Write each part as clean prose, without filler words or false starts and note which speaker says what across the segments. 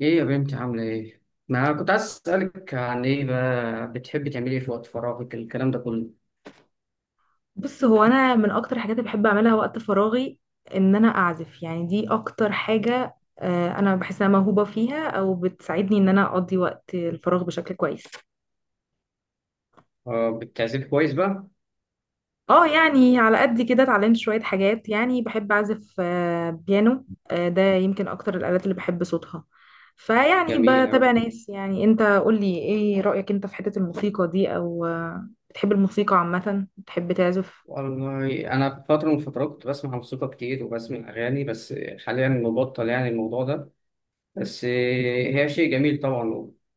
Speaker 1: ايه يا بنتي عاملة ايه؟ ما كنت عايز اسألك عن ايه بقى بتحبي تعملي ايه في وقت فراغك الكلام ده كله؟
Speaker 2: بص، هو انا من اكتر الحاجات اللي بحب اعملها وقت فراغي ان انا اعزف. يعني دي اكتر حاجة، انا بحس انها موهوبة فيها او بتساعدني ان انا اقضي وقت الفراغ بشكل كويس.
Speaker 1: اه بتعزفي كويس بقى؟
Speaker 2: اه يعني على قد كده اتعلمت شوية حاجات، يعني بحب اعزف بيانو. ده يمكن اكتر الالات اللي بحب صوتها. فيعني
Speaker 1: جميل
Speaker 2: بتابع
Speaker 1: أوي.
Speaker 2: ناس، يعني انت قولي ايه رأيك انت في حتة الموسيقى دي، او بتحب الموسيقى عامة، بتحب تعزف؟
Speaker 1: والله أنا في فترة من الفترات كنت بسمع موسيقى كتير وبسمع أغاني بس حاليا مبطل يعني الموضوع ده. بس هي شيء جميل طبعا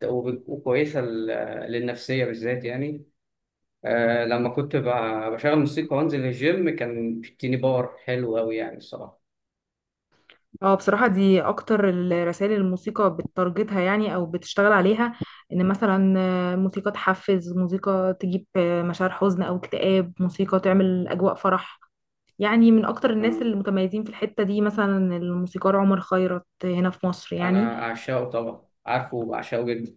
Speaker 1: وكويسة للنفسية بالذات يعني. لما كنت بشغل موسيقى وأنزل الجيم كان بيديني باور حلو أوي يعني الصراحة.
Speaker 2: اه بصراحة دي أكتر الرسائل الموسيقى بتارجتها، يعني أو بتشتغل عليها. إن مثلا موسيقى تحفز، موسيقى تجيب مشاعر حزن أو اكتئاب، موسيقى تعمل أجواء فرح. يعني من أكتر الناس
Speaker 1: آه،
Speaker 2: المتميزين في الحتة دي مثلا الموسيقار عمر خيرت هنا في مصر يعني.
Speaker 1: أنا أعشقه طبعا، عارفه وبعشقه جدا.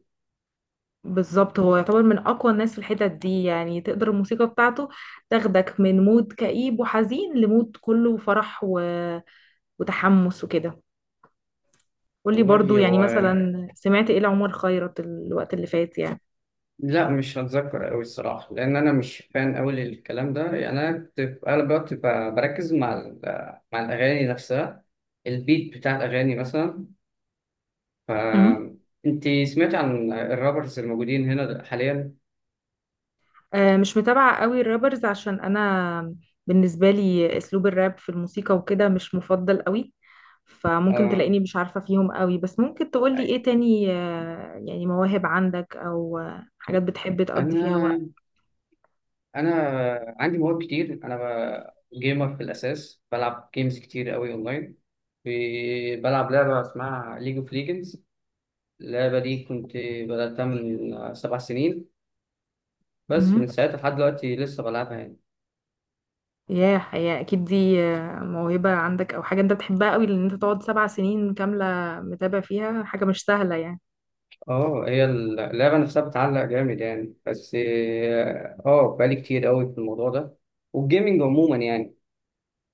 Speaker 2: بالظبط، هو يعتبر من أقوى الناس في الحتت دي، يعني تقدر الموسيقى بتاعته تاخدك من مود كئيب وحزين لمود كله فرح وتحمس وكده. قولي برضو
Speaker 1: والله
Speaker 2: يعني
Speaker 1: هو
Speaker 2: مثلا سمعت ايه لعمر خيرت الوقت اللي فات يعني.
Speaker 1: لا، مش هتذكر أوي الصراحة لأن أنا مش فان أوي للكلام ده يعني. أنا كنت في أغلب الوقت بركز مع الأغاني نفسها، البيت بتاع الأغاني مثلا. ف
Speaker 2: امم
Speaker 1: أنت سمعت عن الرابرز الموجودين هنا حاليا؟
Speaker 2: مش متابعة قوي الرابرز، عشان أنا بالنسبة لي أسلوب الراب في الموسيقى وكده مش مفضل قوي. فممكن
Speaker 1: آه...
Speaker 2: تلاقيني مش عارفة فيهم قوي، بس ممكن تقولي إيه
Speaker 1: أي-
Speaker 2: تاني، يعني مواهب عندك أو حاجات بتحب تقضي فيها
Speaker 1: أنا
Speaker 2: وقت.
Speaker 1: أنا عندي مواهب كتير. جيمر في الأساس، بلعب جيمز كتير أوي أونلاين. بلعب لعبة اسمها ليج اوف ليجندز. اللعبة دي كنت بدأتها من 7 سنين، بس
Speaker 2: امم
Speaker 1: من ساعتها لحد دلوقتي لسه بلعبها يعني.
Speaker 2: ياه، هي أكيد دي موهبة عندك أو حاجة أنت بتحبها قوي، لأن أنت تقعد سبع سنين كاملة متابع فيها، حاجة مش سهلة يعني.
Speaker 1: اه هي اللعبة نفسها بتعلق جامد يعني، بس اه بقالي كتير قوي في الموضوع ده والجيمنج عموما يعني.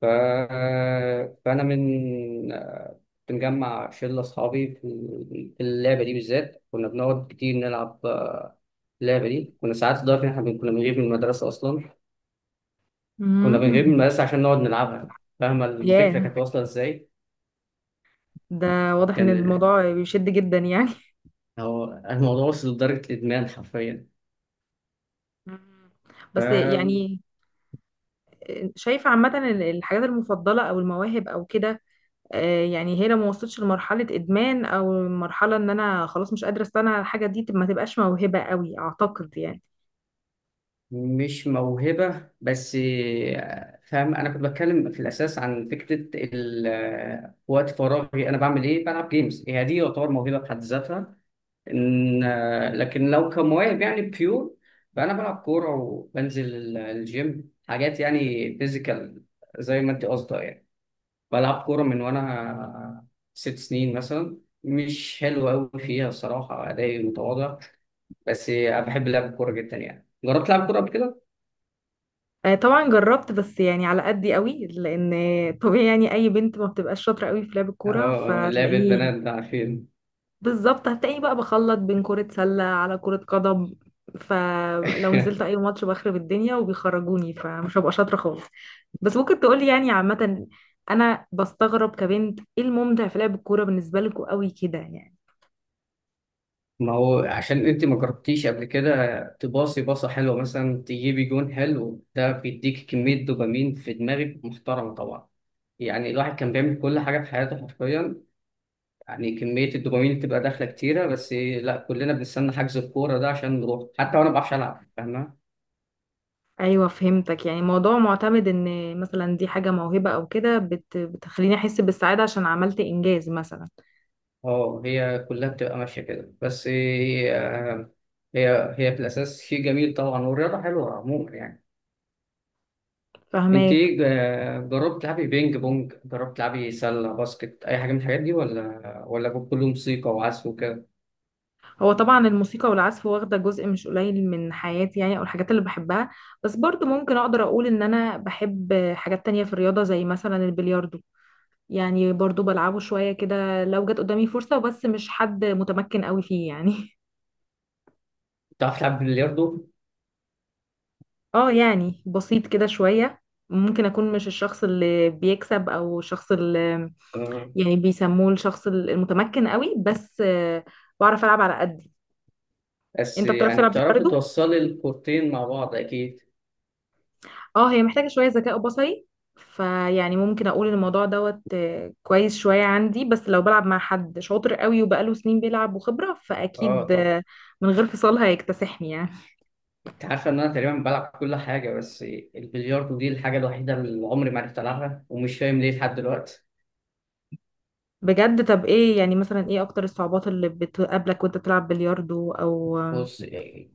Speaker 1: ف... فأنا من آه، بنجمع شلة أصحابي في في اللعبة دي بالذات، كنا بنقعد كتير نلعب اللعبة دي. كنا ساعات لدرجة إن إحنا كنا بنغيب من المدرسة أصلا. كنا بنغيب من
Speaker 2: امم
Speaker 1: المدرسة عشان نقعد نلعبها. فاهمة
Speaker 2: ياه،
Speaker 1: الفكرة كانت واصلة إزاي؟
Speaker 2: ده واضح ان
Speaker 1: كان
Speaker 2: الموضوع بيشد جدا يعني.
Speaker 1: هو الموضوع وصل لدرجة الإدمان حرفيا.
Speaker 2: مم. بس
Speaker 1: فمش
Speaker 2: يعني شايفة عامة إن الحاجات المفضلة او المواهب او كده، يعني هي لو ما وصلتش لمرحلة ادمان او مرحلة ان انا خلاص مش قادرة استنى على الحاجة دي، ما تبقاش موهبة قوي اعتقد يعني.
Speaker 1: موهبة بس. فاهم، أنا كنت بتكلم في الأساس عن فكرة وقت فراغي، أنا بعمل إيه، بلعب جيمز، هي دي يعتبر موهبة في حد ذاتها. إن آه، لكن لو كمواهب يعني بيور، فأنا بلعب كورة وبنزل الجيم حاجات يعني فيزيكال زي ما أنت قصدها يعني. بلعب كورة من وأنا 6 سنين مثلا، مش حلو أوي فيها الصراحة، أدائي متواضع بس بحب لعب الكورة جدا يعني. جربت تلعب كورة قبل كده؟
Speaker 2: طبعا جربت، بس يعني على قدي قوي، لان طبيعي يعني اي بنت ما بتبقاش شاطرة قوي في لعب الكورة،
Speaker 1: اه لعب
Speaker 2: فتلاقيني
Speaker 1: البنات ده عارفين.
Speaker 2: بالظبط هتلاقيني بقى بخلط بين كرة سلة على كرة قدم. فلو نزلت اي ماتش بخرب الدنيا وبيخرجوني، فمش هبقى شاطرة خالص. بس ممكن تقولي يعني عامة، انا بستغرب كبنت ايه الممتع في لعب الكورة بالنسبة لكم قوي كده يعني.
Speaker 1: ما هو عشان انت ما جربتيش قبل كده. تباصي باصة حلوة مثلا، تجيبي جون حلو، ده بيديك كمية دوبامين في دماغك محترمة طبعا. يعني الواحد كان بيعمل كل حاجة في حياته حرفيا، يعني كمية الدوبامين اللي بتبقى داخلة كتيرة. بس لا، كلنا بنستنى حجز الكورة ده عشان نروح حتى وانا ما بعرفش العب، فاهمة.
Speaker 2: ايوه فهمتك، يعني موضوع معتمد ان مثلا دي حاجة موهبة او كده بتخليني احس بالسعادة عشان عملت انجاز مثلا.
Speaker 1: اه هي كلها بتبقى ماشية كده. بس هي هي في الأساس شيء جميل طبعا، والرياضة حلوة عموما يعني. انت
Speaker 2: فهماك.
Speaker 1: ايه، جربت تلعبي بينج بونج، جربت تلعبي سله باسكت، اي حاجه من الحاجات دي ولا ولا كله موسيقى وعزف وكده؟
Speaker 2: هو طبعا الموسيقى والعزف واخدة جزء مش قليل من حياتي، يعني او الحاجات اللي بحبها. بس برضو ممكن اقدر اقول ان انا بحب حاجات تانية في الرياضة زي مثلا البلياردو. يعني برضو بلعبه شوية كده لو جت قدامي فرصة، بس مش حد متمكن قوي فيه يعني
Speaker 1: بتعرف تلعب بلياردو.
Speaker 2: اه يعني بسيط كده شوية. ممكن اكون مش الشخص اللي بيكسب او الشخص اللي
Speaker 1: آه.
Speaker 2: يعني بيسموه الشخص المتمكن قوي، بس بعرف العب على قدي.
Speaker 1: بس
Speaker 2: انت بتعرف
Speaker 1: يعني
Speaker 2: تلعب
Speaker 1: بتعرفي
Speaker 2: بلياردو؟
Speaker 1: توصلي الكورتين مع بعض اكيد.
Speaker 2: اه، هي محتاجة شوية ذكاء بصري. فيعني ممكن اقول إن الموضوع دوت كويس شوية عندي، بس لو بلعب مع حد شاطر قوي وبقاله سنين بيلعب وخبرة،
Speaker 1: اه
Speaker 2: فاكيد
Speaker 1: طبعا.
Speaker 2: من غير فصال هيكتسحني يعني.
Speaker 1: انت عارفه ان انا تقريبا بلعب كل حاجه، بس البلياردو دي الحاجه الوحيده اللي عمري ما عرفت العبها، ومش فاهم ليه لحد دلوقتي.
Speaker 2: بجد؟ طب ايه يعني مثلا ايه اكتر الصعوبات اللي بتقابلك وانت بتلعب بلياردو او
Speaker 1: بص،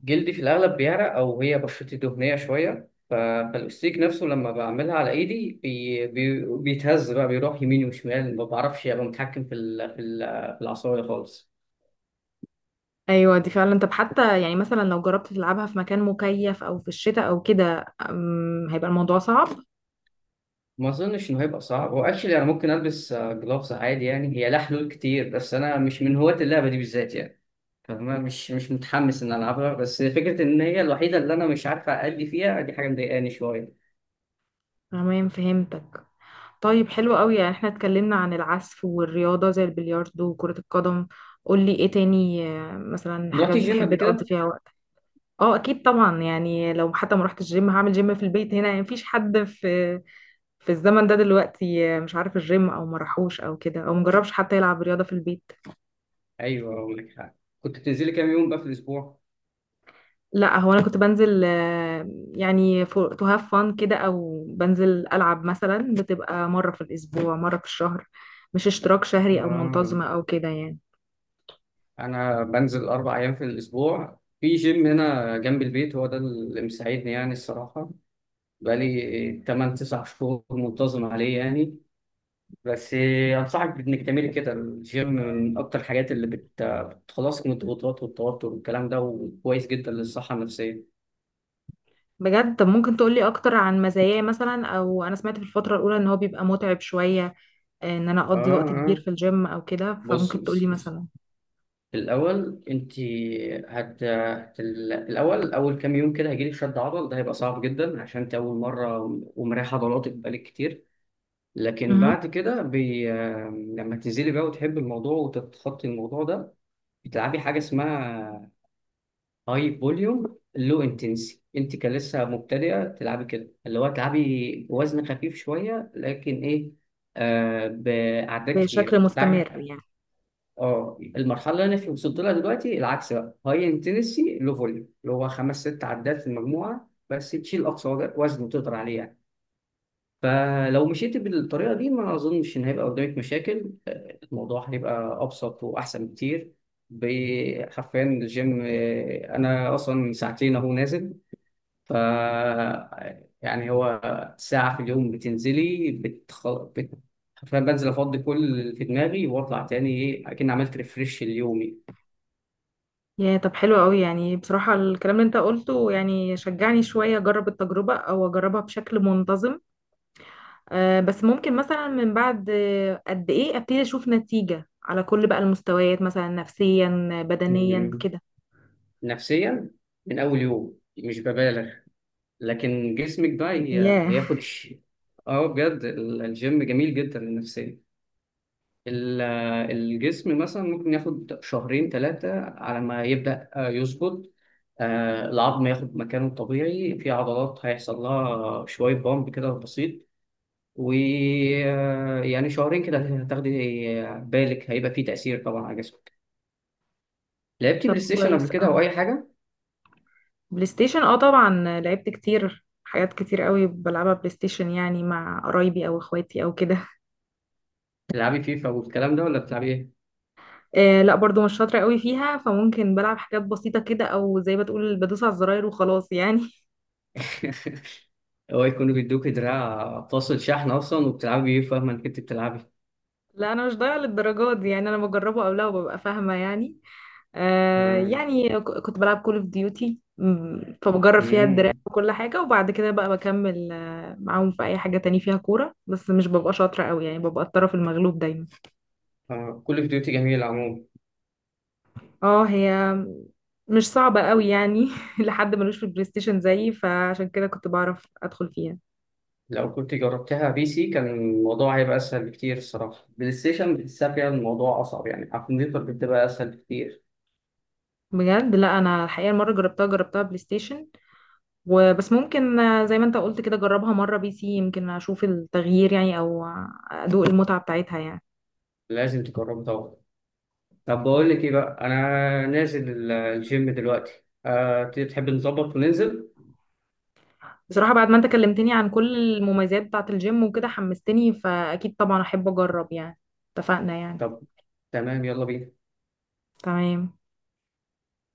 Speaker 1: جلدي في الأغلب بيعرق، أو هي بشرتي دهنية شوية، فالأستيك نفسه لما بعملها على إيدي بي بي بيتهز بقى، بيروح يمين وشمال، ما بعرفش أبقى متحكم في العصاية خالص.
Speaker 2: ايوه دي فعلا. طب حتى يعني مثلا لو جربت تلعبها في مكان مكيف او في الشتاء او كده، هيبقى الموضوع صعب.
Speaker 1: ما أظنش إنه هيبقى صعب. هو أكشلي أنا ممكن ألبس جلافز عادي يعني، هي لها حلول كتير، بس أنا مش من هواة اللعبة دي بالذات يعني. فاهمة، مش متحمس إن ألعبها، بس فكرة إن هي الوحيدة اللي أنا مش عارف أأدي فيها دي حاجة مضايقاني شوية.
Speaker 2: تمام فهمتك. طيب، حلو قوي. يعني احنا اتكلمنا عن العزف والرياضة زي البلياردو وكرة القدم. قولي ايه تاني مثلا
Speaker 1: رحت
Speaker 2: حاجات
Speaker 1: الجيم
Speaker 2: بتحب
Speaker 1: قبل
Speaker 2: تقضي
Speaker 1: كده؟
Speaker 2: فيها وقت. اه اكيد طبعا، يعني لو حتى ما رحت الجيم هعمل جيم في البيت هنا. يعني مفيش حد في الزمن ده دلوقتي مش عارف الجيم او ما راحوش او كده او مجربش حتى يلعب رياضة في البيت.
Speaker 1: أيوه، أقول لك حاجة، كنت بتنزلي كام يوم بقى في الأسبوع؟
Speaker 2: لا هو انا كنت بنزل يعني تو هاف فان كده، او بنزل العب مثلا، بتبقى مرة في الاسبوع مرة في الشهر، مش اشتراك شهري او
Speaker 1: آه.
Speaker 2: منتظمة او كده يعني.
Speaker 1: أنا بنزل 4 أيام في الأسبوع في جيم هنا جنب البيت، هو ده اللي مساعدني يعني الصراحة. بقالي 8 - 9 شهور منتظم عليه يعني. بس أنصحك بإنك تعملي كده، الجيم من أكتر الحاجات اللي بتخلصك من الضغوطات والتوتر والكلام ده، وكويس جدا للصحة النفسية.
Speaker 2: بجد؟ طب ممكن تقولي اكتر عن مزاياه مثلا؟ او انا سمعت في الفترة الاولى ان هو بيبقى متعب شوية، ان انا
Speaker 1: آه
Speaker 2: اقضي وقت كبير
Speaker 1: آه
Speaker 2: في الجيم او كده،
Speaker 1: بص
Speaker 2: فممكن تقولي
Speaker 1: بص
Speaker 2: مثلا.
Speaker 1: الأول أنت الأول أول كام يوم كده هيجيلك شد عضل، ده هيبقى صعب جدا عشان أنت أول مرة ومريح عضلاتك بقالك كتير. لكن
Speaker 2: مهم.
Speaker 1: بعد كده بي... لما تنزلي بقى وتحب الموضوع وتتخطي الموضوع ده، بتلعبي حاجة اسمها هاي فوليوم. لو انتنسي، أنت كلسه مبتدئة، تلعبي كده اللي هو تلعبي وزن خفيف شوية لكن إيه، بأعداد
Speaker 2: بشكل
Speaker 1: كتير ده.
Speaker 2: مستمر يعني.
Speaker 1: اه، المرحله اللي انا وصلت لها دلوقتي العكس بقى، هاي انتنسي لو فوليوم اللي هو 5 - 6 عدات في المجموعه، بس تشيل اقصى وزن تقدر عليه يعني. فلو مشيت بالطريقه دي ما اظنش ان هيبقى قدامك مشاكل، الموضوع هيبقى ابسط واحسن بكتير. حرفيا الجيم انا اصلا ساعتين اهو نازل. ف يعني هو ساعه في اليوم بتنزلي حرفيا بنزل افضي كل اللي في دماغي واطلع تاني، ايه اكن عملت ريفريش ليومي.
Speaker 2: يا طب حلو قوي، يعني بصراحة الكلام اللي انت قلته يعني شجعني شوية اجرب التجربة او اجربها بشكل منتظم. آه بس ممكن مثلا من بعد قد ايه ابتدي اشوف نتيجة على كل بقى المستويات، مثلا نفسيا بدنيا
Speaker 1: مم.
Speaker 2: كده.
Speaker 1: نفسيا من اول يوم، مش ببالغ، لكن جسمك بقى هي-
Speaker 2: ياه.
Speaker 1: هياخد الشيء. اه بجد الجيم جميل جدا للنفسية. ال- الجسم مثلا ممكن ياخد شهرين ثلاثة على ما يبدأ يظبط. العظم ياخد مكانه الطبيعي، في عضلات هيحصل لها شوية بامب كده بسيط. ويعني شهرين كده هتاخدي، بالك هيبقى فيه تأثير طبعا على جسمك. لعبتي
Speaker 2: طب
Speaker 1: بلاي ستيشن قبل
Speaker 2: كويس.
Speaker 1: كده أو أي حاجة؟
Speaker 2: بلاي ستيشن اه طبعا، لعبت كتير. حاجات كتير قوي بلعبها بلاي ستيشن يعني مع قرايبي او اخواتي او كده.
Speaker 1: تلعبي فيفا والكلام ده ولا بتلعبي إيه؟
Speaker 2: آه لا برضو مش شاطره قوي فيها، فممكن بلعب حاجات بسيطه كده، او زي ما تقول بدوس على الزراير وخلاص يعني.
Speaker 1: هو يكونوا بيدوك دراع فاصل شحن اصلا وبتلعبي بيه، فاهمه انك انت بتلعبي.
Speaker 2: لا انا مش ضايعه للدرجات دي، يعني انا بجربه او لا وببقى فاهمه يعني. آه
Speaker 1: مم.
Speaker 2: يعني كنت بلعب كول اوف ديوتي، فبجرب فيها الدراع
Speaker 1: امم
Speaker 2: وكل حاجه، وبعد كده بقى بكمل معاهم في اي حاجه تاني فيها كوره، بس مش ببقى شاطره قوي يعني، ببقى الطرف المغلوب دايما.
Speaker 1: كل فيديوهاتي جميل عموما.
Speaker 2: اه، هي مش صعبة قوي يعني لحد ملوش في البلاي ستيشن زيي فعشان كده كنت بعرف ادخل فيها.
Speaker 1: لو كنت جربتها بي سي كان الموضوع هيبقى اسهل بكتير الصراحه، بلاي ستيشن بتحسها فيها الموضوع اصعب يعني، على الكمبيوتر بتبقى اسهل بكتير.
Speaker 2: بجد لا، انا الحقيقة المرة جربتها بلاي ستيشن، وبس ممكن زي ما انت قلت كده جربها مرة بي سي، يمكن اشوف التغيير يعني، او ادوق المتعة بتاعتها يعني.
Speaker 1: لازم تجربه طبعا. طب بقول لك ايه بقى، انا نازل الجيم دلوقتي، أه تحب نظبط وننزل؟
Speaker 2: بصراحة بعد ما انت كلمتني عن كل المميزات بتاعة الجيم وكده حمستني، فاكيد طبعا احب اجرب يعني. اتفقنا يعني.
Speaker 1: طب تمام، يلا بينا.
Speaker 2: تمام.